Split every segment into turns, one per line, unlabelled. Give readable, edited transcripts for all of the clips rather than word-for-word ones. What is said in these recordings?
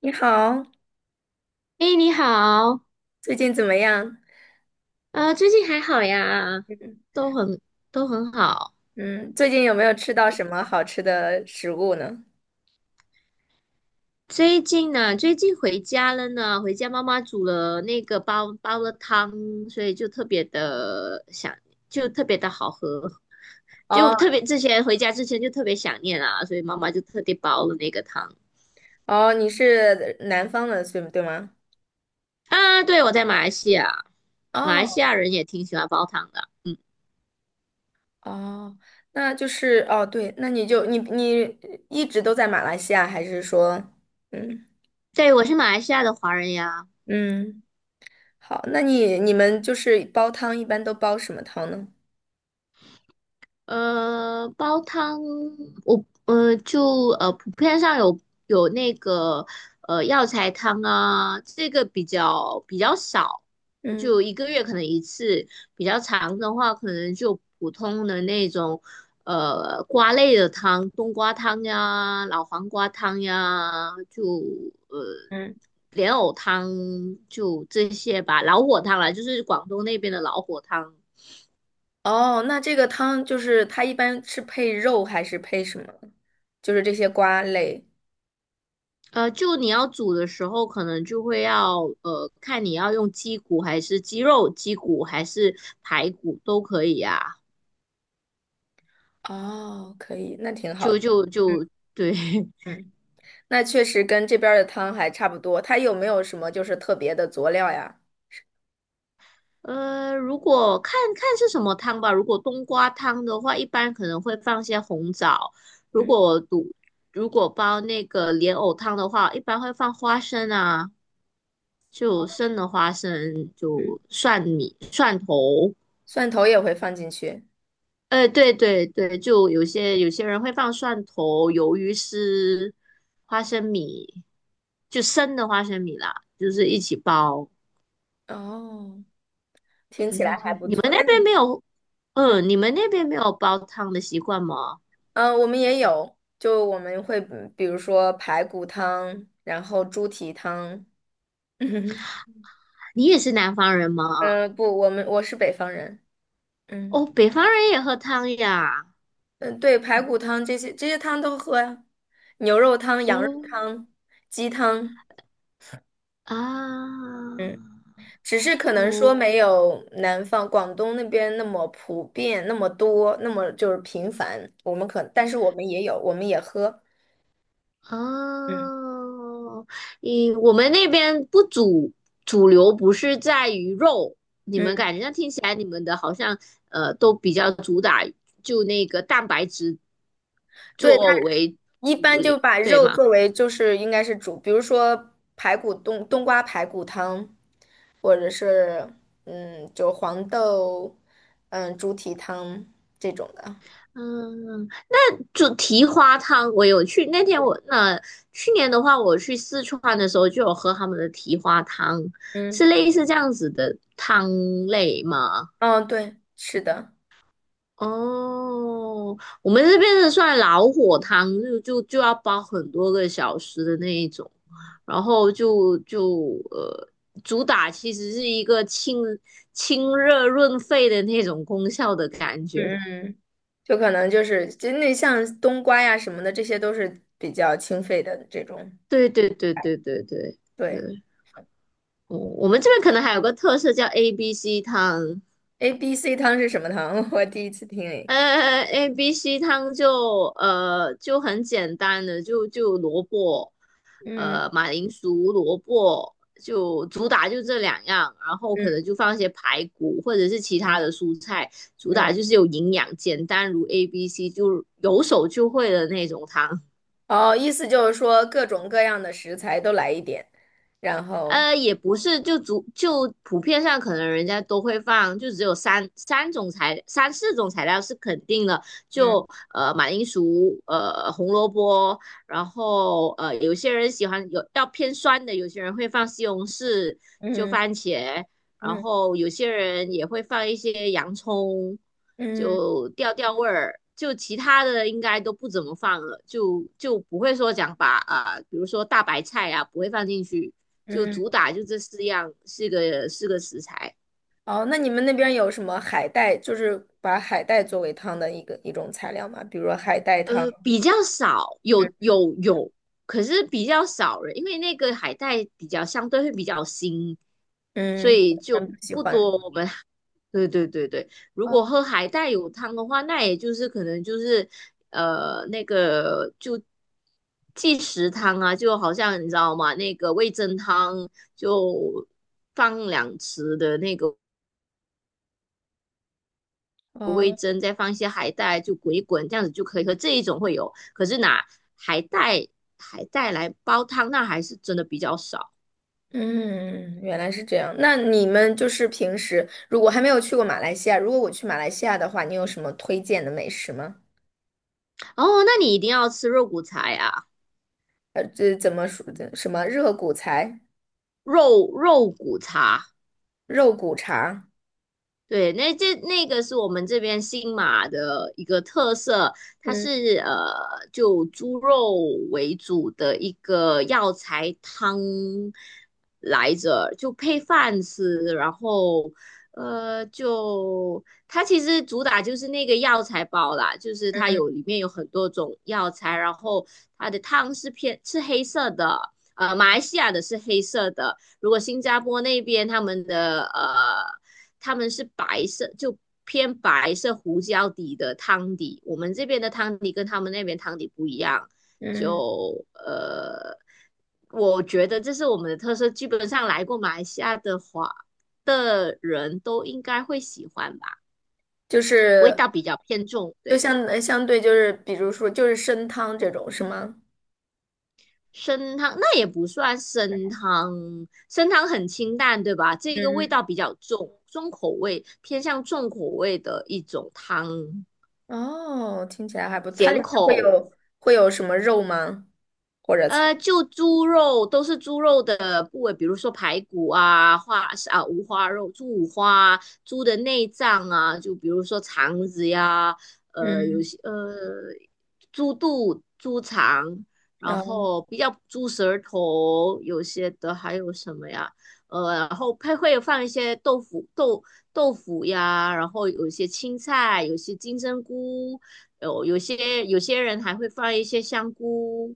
你好，
哎，你好，
最近怎么样？
最近还好呀，
嗯
都很都很好。
嗯，最近有没有吃到什么好吃的食物呢？
最近回家了呢，回家妈妈煮了那个煲了汤，所以就特别的想，就特别的好喝，就
哦，
特别之前回家之前就特别想念啊，所以妈妈就特地煲了那个汤
哦，你是南方的，对对吗？
啊。对，我在马来西亚，马来西
哦
亚人也挺喜欢煲汤的。
哦，那就是哦，对，那你就你你一直都在马来西亚，还是说，嗯，
对，我是马来西亚的华人呀。
嗯，好，那你们就是煲汤一般都煲什么汤呢？
煲汤，我就普遍上有那个药材汤啊，这个比较少，
嗯
就一个月可能一次，比较长的话可能就普通的那种瓜类的汤，冬瓜汤呀、老黄瓜汤呀，就呃
嗯，
莲藕汤就这些吧，老火汤啦，就是广东那边的老火汤。
哦，那这个汤就是它一般是配肉还是配什么？就是这些瓜类。
就你要煮的时候，可能就会要看你要用鸡骨还是鸡肉，鸡骨还是排骨都可以啊。
哦，可以，那挺好
就
的。
就
嗯
就对，
嗯，那确实跟这边儿的汤还差不多。它有没有什么就是特别的佐料呀？
如果看看是什么汤吧。如果冬瓜汤的话，一般可能会放些红枣；如
嗯，
果煮如果煲那个莲藕汤的话，一般会放花生啊，就生的花生，就蒜米、蒜头。
蒜头也会放进去。
对对对，就有些人会放蒜头、鱿鱼丝、花生米，就生的花生米啦，就是一起煲。
哦，听起来还不
你们
错。
那
但是，
边没有，你们那边没有煲汤的习惯吗？
我们也有，就我们会嗯比如说排骨汤，然后猪蹄汤。嗯，
你也是南方人吗？
不，我是北方人。嗯，
哦，北方人也喝汤呀。
嗯，呃对，排骨汤这些汤都喝呀，牛肉汤、羊肉
哦，
汤、鸡汤。
啊，
嗯。只是可能
哦。
说没有南方广东那边那么普遍，那么多，那么就是频繁。我们可，但是我们也有，我们也喝。嗯，
哦，我们那边不主主流不是在于肉，你
嗯，
们感觉那听起来你们的好像都比较主打就那个蛋白质
对，它
作为
一
主
般就
力，
把
对
肉
吗？
作为就是应该是煮，比如说排骨冬瓜排骨汤，或者是嗯，就黄豆嗯猪蹄汤这种的。
嗯，就蹄花汤，我有去那天我那去年的话，我去四川的时候就有喝他们的蹄花汤，是
嗯，
类似这样子的汤类吗？
哦，对，是的，
哦，我们这边的算老火汤，就要煲很多个小时的那一种，然后就就呃，主打其实是一个清热润肺的那种功效的感
嗯。
觉。
嗯。就可能就是就那像冬瓜呀什么的，这些都是比较清肺的这种。
对对对对对对
对
对，我们这边可能还有个特色叫 ABC 汤，
，A B C 汤是什么汤？我第一次听诶。
A B C 汤就很简单的，就萝卜，
嗯。
马铃薯、萝卜，就主打就这两样，然后可
嗯
能就放一些排骨或者是其他的蔬菜，主
嗯。
打就是有营养，简单如 A B C，就有手就会的那种汤。
哦，意思就是说各种各样的食材都来一点，然后
也不是，就普遍上可能人家都会放，就只有三四种材料是肯定的，
嗯
就马铃薯、红萝卜，然后有些人喜欢要偏酸的，有些人会放西红柿，就
嗯
番茄，然
嗯
后有些人也会放一些洋葱，
嗯
就调味儿，就其他的应该都不怎么放了，就不会说把啊、比如说大白菜啊不会放进去，就
嗯。
主打就这四样，四个食材。
哦，那你们那边有什么海带？就是把海带作为汤的一种材料吗？比如说海带汤。
比较少，
嗯，
有有有，可是比较少了，因为那个海带相对会比较腥，所
嗯，
以就
咱不喜
不
欢。
多，对对对对，如
哦
果喝海带汤的话，那也就是可能就是那个就即食汤啊，就好像你知道吗？那个味噌汤就放两匙的那个味
哦。
噌，再放一些海带，就滚一滚，这样子就可以喝。这一种会有，可是拿海带海带来煲汤，那还是真的比较少。
嗯，原来是这样。那你们就是平时如果还没有去过马来西亚，如果我去马来西亚的话，你有什么推荐的美食吗？
哦，那你一定要吃肉骨茶呀，
这怎么说的？什么热骨材、
肉骨茶。
肉骨茶？
对，那个是我们这边新马的一个特色，它
嗯，
是就猪肉为主的一个药材汤来着，就配饭吃，然后就它其实主打就是那个药材包啦，就是它
嗯，
里面有很多种药材，然后它的汤是黑色的，马来西亚的是黑色的，如果新加坡那边他们的,他们是白色，就偏白色胡椒底的汤底。我们这边的汤底跟他们那边汤底不一样，
嗯，
就呃，我觉得这是我们的特色。基本上来过马来西亚的话的人都应该会喜欢吧，
就
味
是
道比较偏重，
就
对。
相对就是比如说就是参汤这种是吗？
生汤那也不算生汤，生汤很清淡，对吧？这
嗯
个味
嗯，
道比较重，重口味，偏向重口味的一种汤，
哦，听起来还不错。它里
咸
面会
口。
有会有什么肉吗？或者菜？
就猪肉都是猪肉的部位，比如说排骨啊、五花肉、猪五花、猪的内脏啊，就比如说肠子呀，呃，有
嗯，
些呃，猪肚、猪肠，然
哦
后比较猪舌头，有些的还有什么呀？然后配会放一些豆腐、豆腐呀，然后有一些青菜，有些金针菇，有些人还会放一些香菇，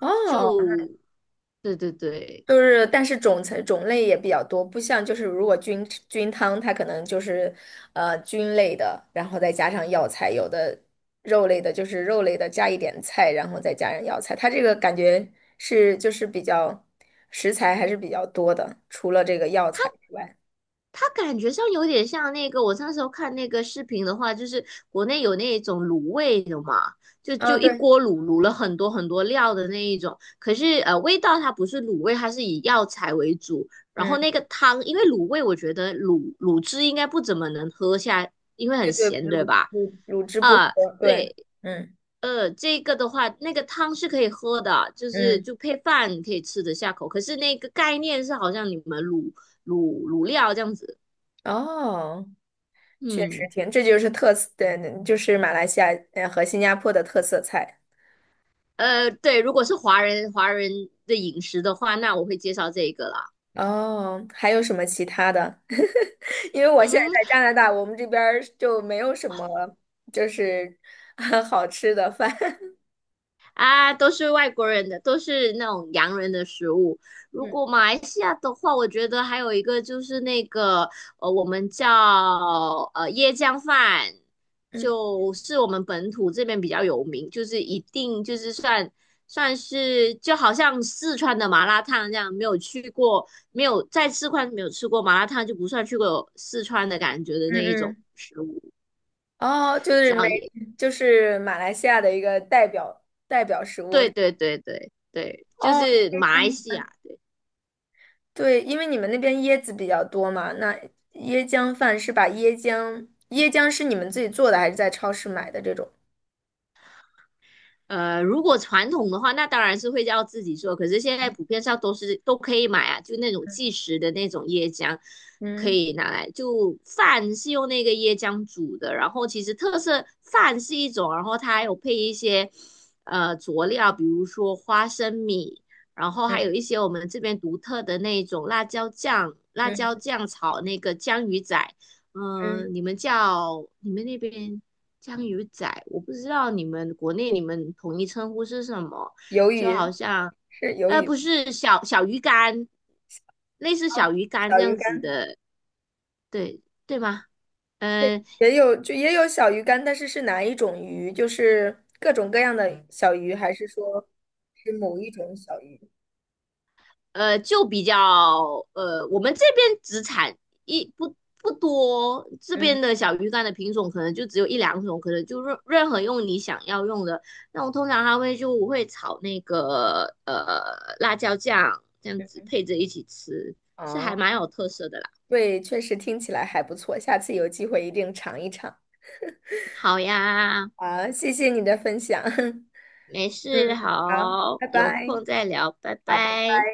哦，
就对对对，
就是，但是种类也比较多，不像就是如果菌汤，它可能就是，菌类的，然后再加上药材，有的肉类的，就是肉类的加一点菜，然后再加上药材，它这个感觉是就是比较食材还是比较多的，除了这个药材之外，
它感觉上有点像那个我那时候看那个视频的话，就是国内有那种卤味的嘛，就
啊，
就一
对，
锅卤了很多很多料的那一种，可是味道它不是卤味，它是以药材为主，然后
嗯，
那个汤，因为卤味我觉得卤汁应该不怎么能喝下，因为很
对对，
咸，对吧？
卤汁不
啊，
合，对，
对，
嗯，
这个的话，那个汤是可以喝的，就是
嗯，
就配饭可以吃得下口。可是那个概念是好像你们卤料这样子，
哦，确实
嗯，
挺，这就是特色，对，就是马来西亚和新加坡的特色菜。
对，如果是华人的饮食的话，那我会介绍这个啦。
哦，还有什么其他的？因为我现在
嗯。
在加拿大，我们这边儿就没有什么就是 好吃的饭。
啊，都是外国人的，都是那种洋人的食物。如
嗯
果马来西亚的话，我觉得还有一个就是那个，我们叫椰浆饭，
嗯
就是我们本土这边比较有名，就是一定就是算是就好像四川的麻辣烫这样，没有去过，没有在四川没有吃过麻辣烫，就不算去过四川的感觉的
嗯
那一种
嗯，
食物。
哦，就是
叫
没，
椰，
就是马来西亚的一个代表食物。
对对对对对，就
哦，
是
椰
马来
浆
西亚。
饭。
对
对，因为你们那边椰子比较多嘛，那椰浆饭是把椰浆，椰浆是你们自己做的还是在超市买的这种？
呃，如果传统的话，那当然是会要自己做。可是现在普遍上都可以买啊，就那种即食的那种椰浆，可
嗯
以拿来。就饭是用那个椰浆煮的，然后其实特色饭是一种，然后它还有配一些佐料，比如说花生米，然后
嗯
还有一
嗯
些我们这边独特的那种辣椒酱，辣椒
嗯
酱炒那个江鱼仔。嗯、
嗯，
你们那边江鱼仔，我不知道你们国内你们统一称呼是什么，
鱿
就好
鱼
像，
是鱿鱼，
不是小鱼干，类似小鱼干这
小鱼
样子
干。
的，对吗？嗯。
也有就也有小鱼干，但是是哪一种鱼？就是各种各样的小鱼，还是说是某一种小鱼？
就比较我们这边只产一不不多，这边
嗯，
的小鱼干的品种可能就只有一两种，可能就任何用你想要用的。那我通常它会就我会炒那个辣椒酱，这样子配着一起吃，是还
啊，
蛮有特色的啦。
对，确实听起来还不错，下次有机会一定尝一尝。
好呀，
啊！谢谢你的分享。嗯，
没事，
好，
好，
拜
有
拜。
空再聊，拜
好，拜
拜。
拜。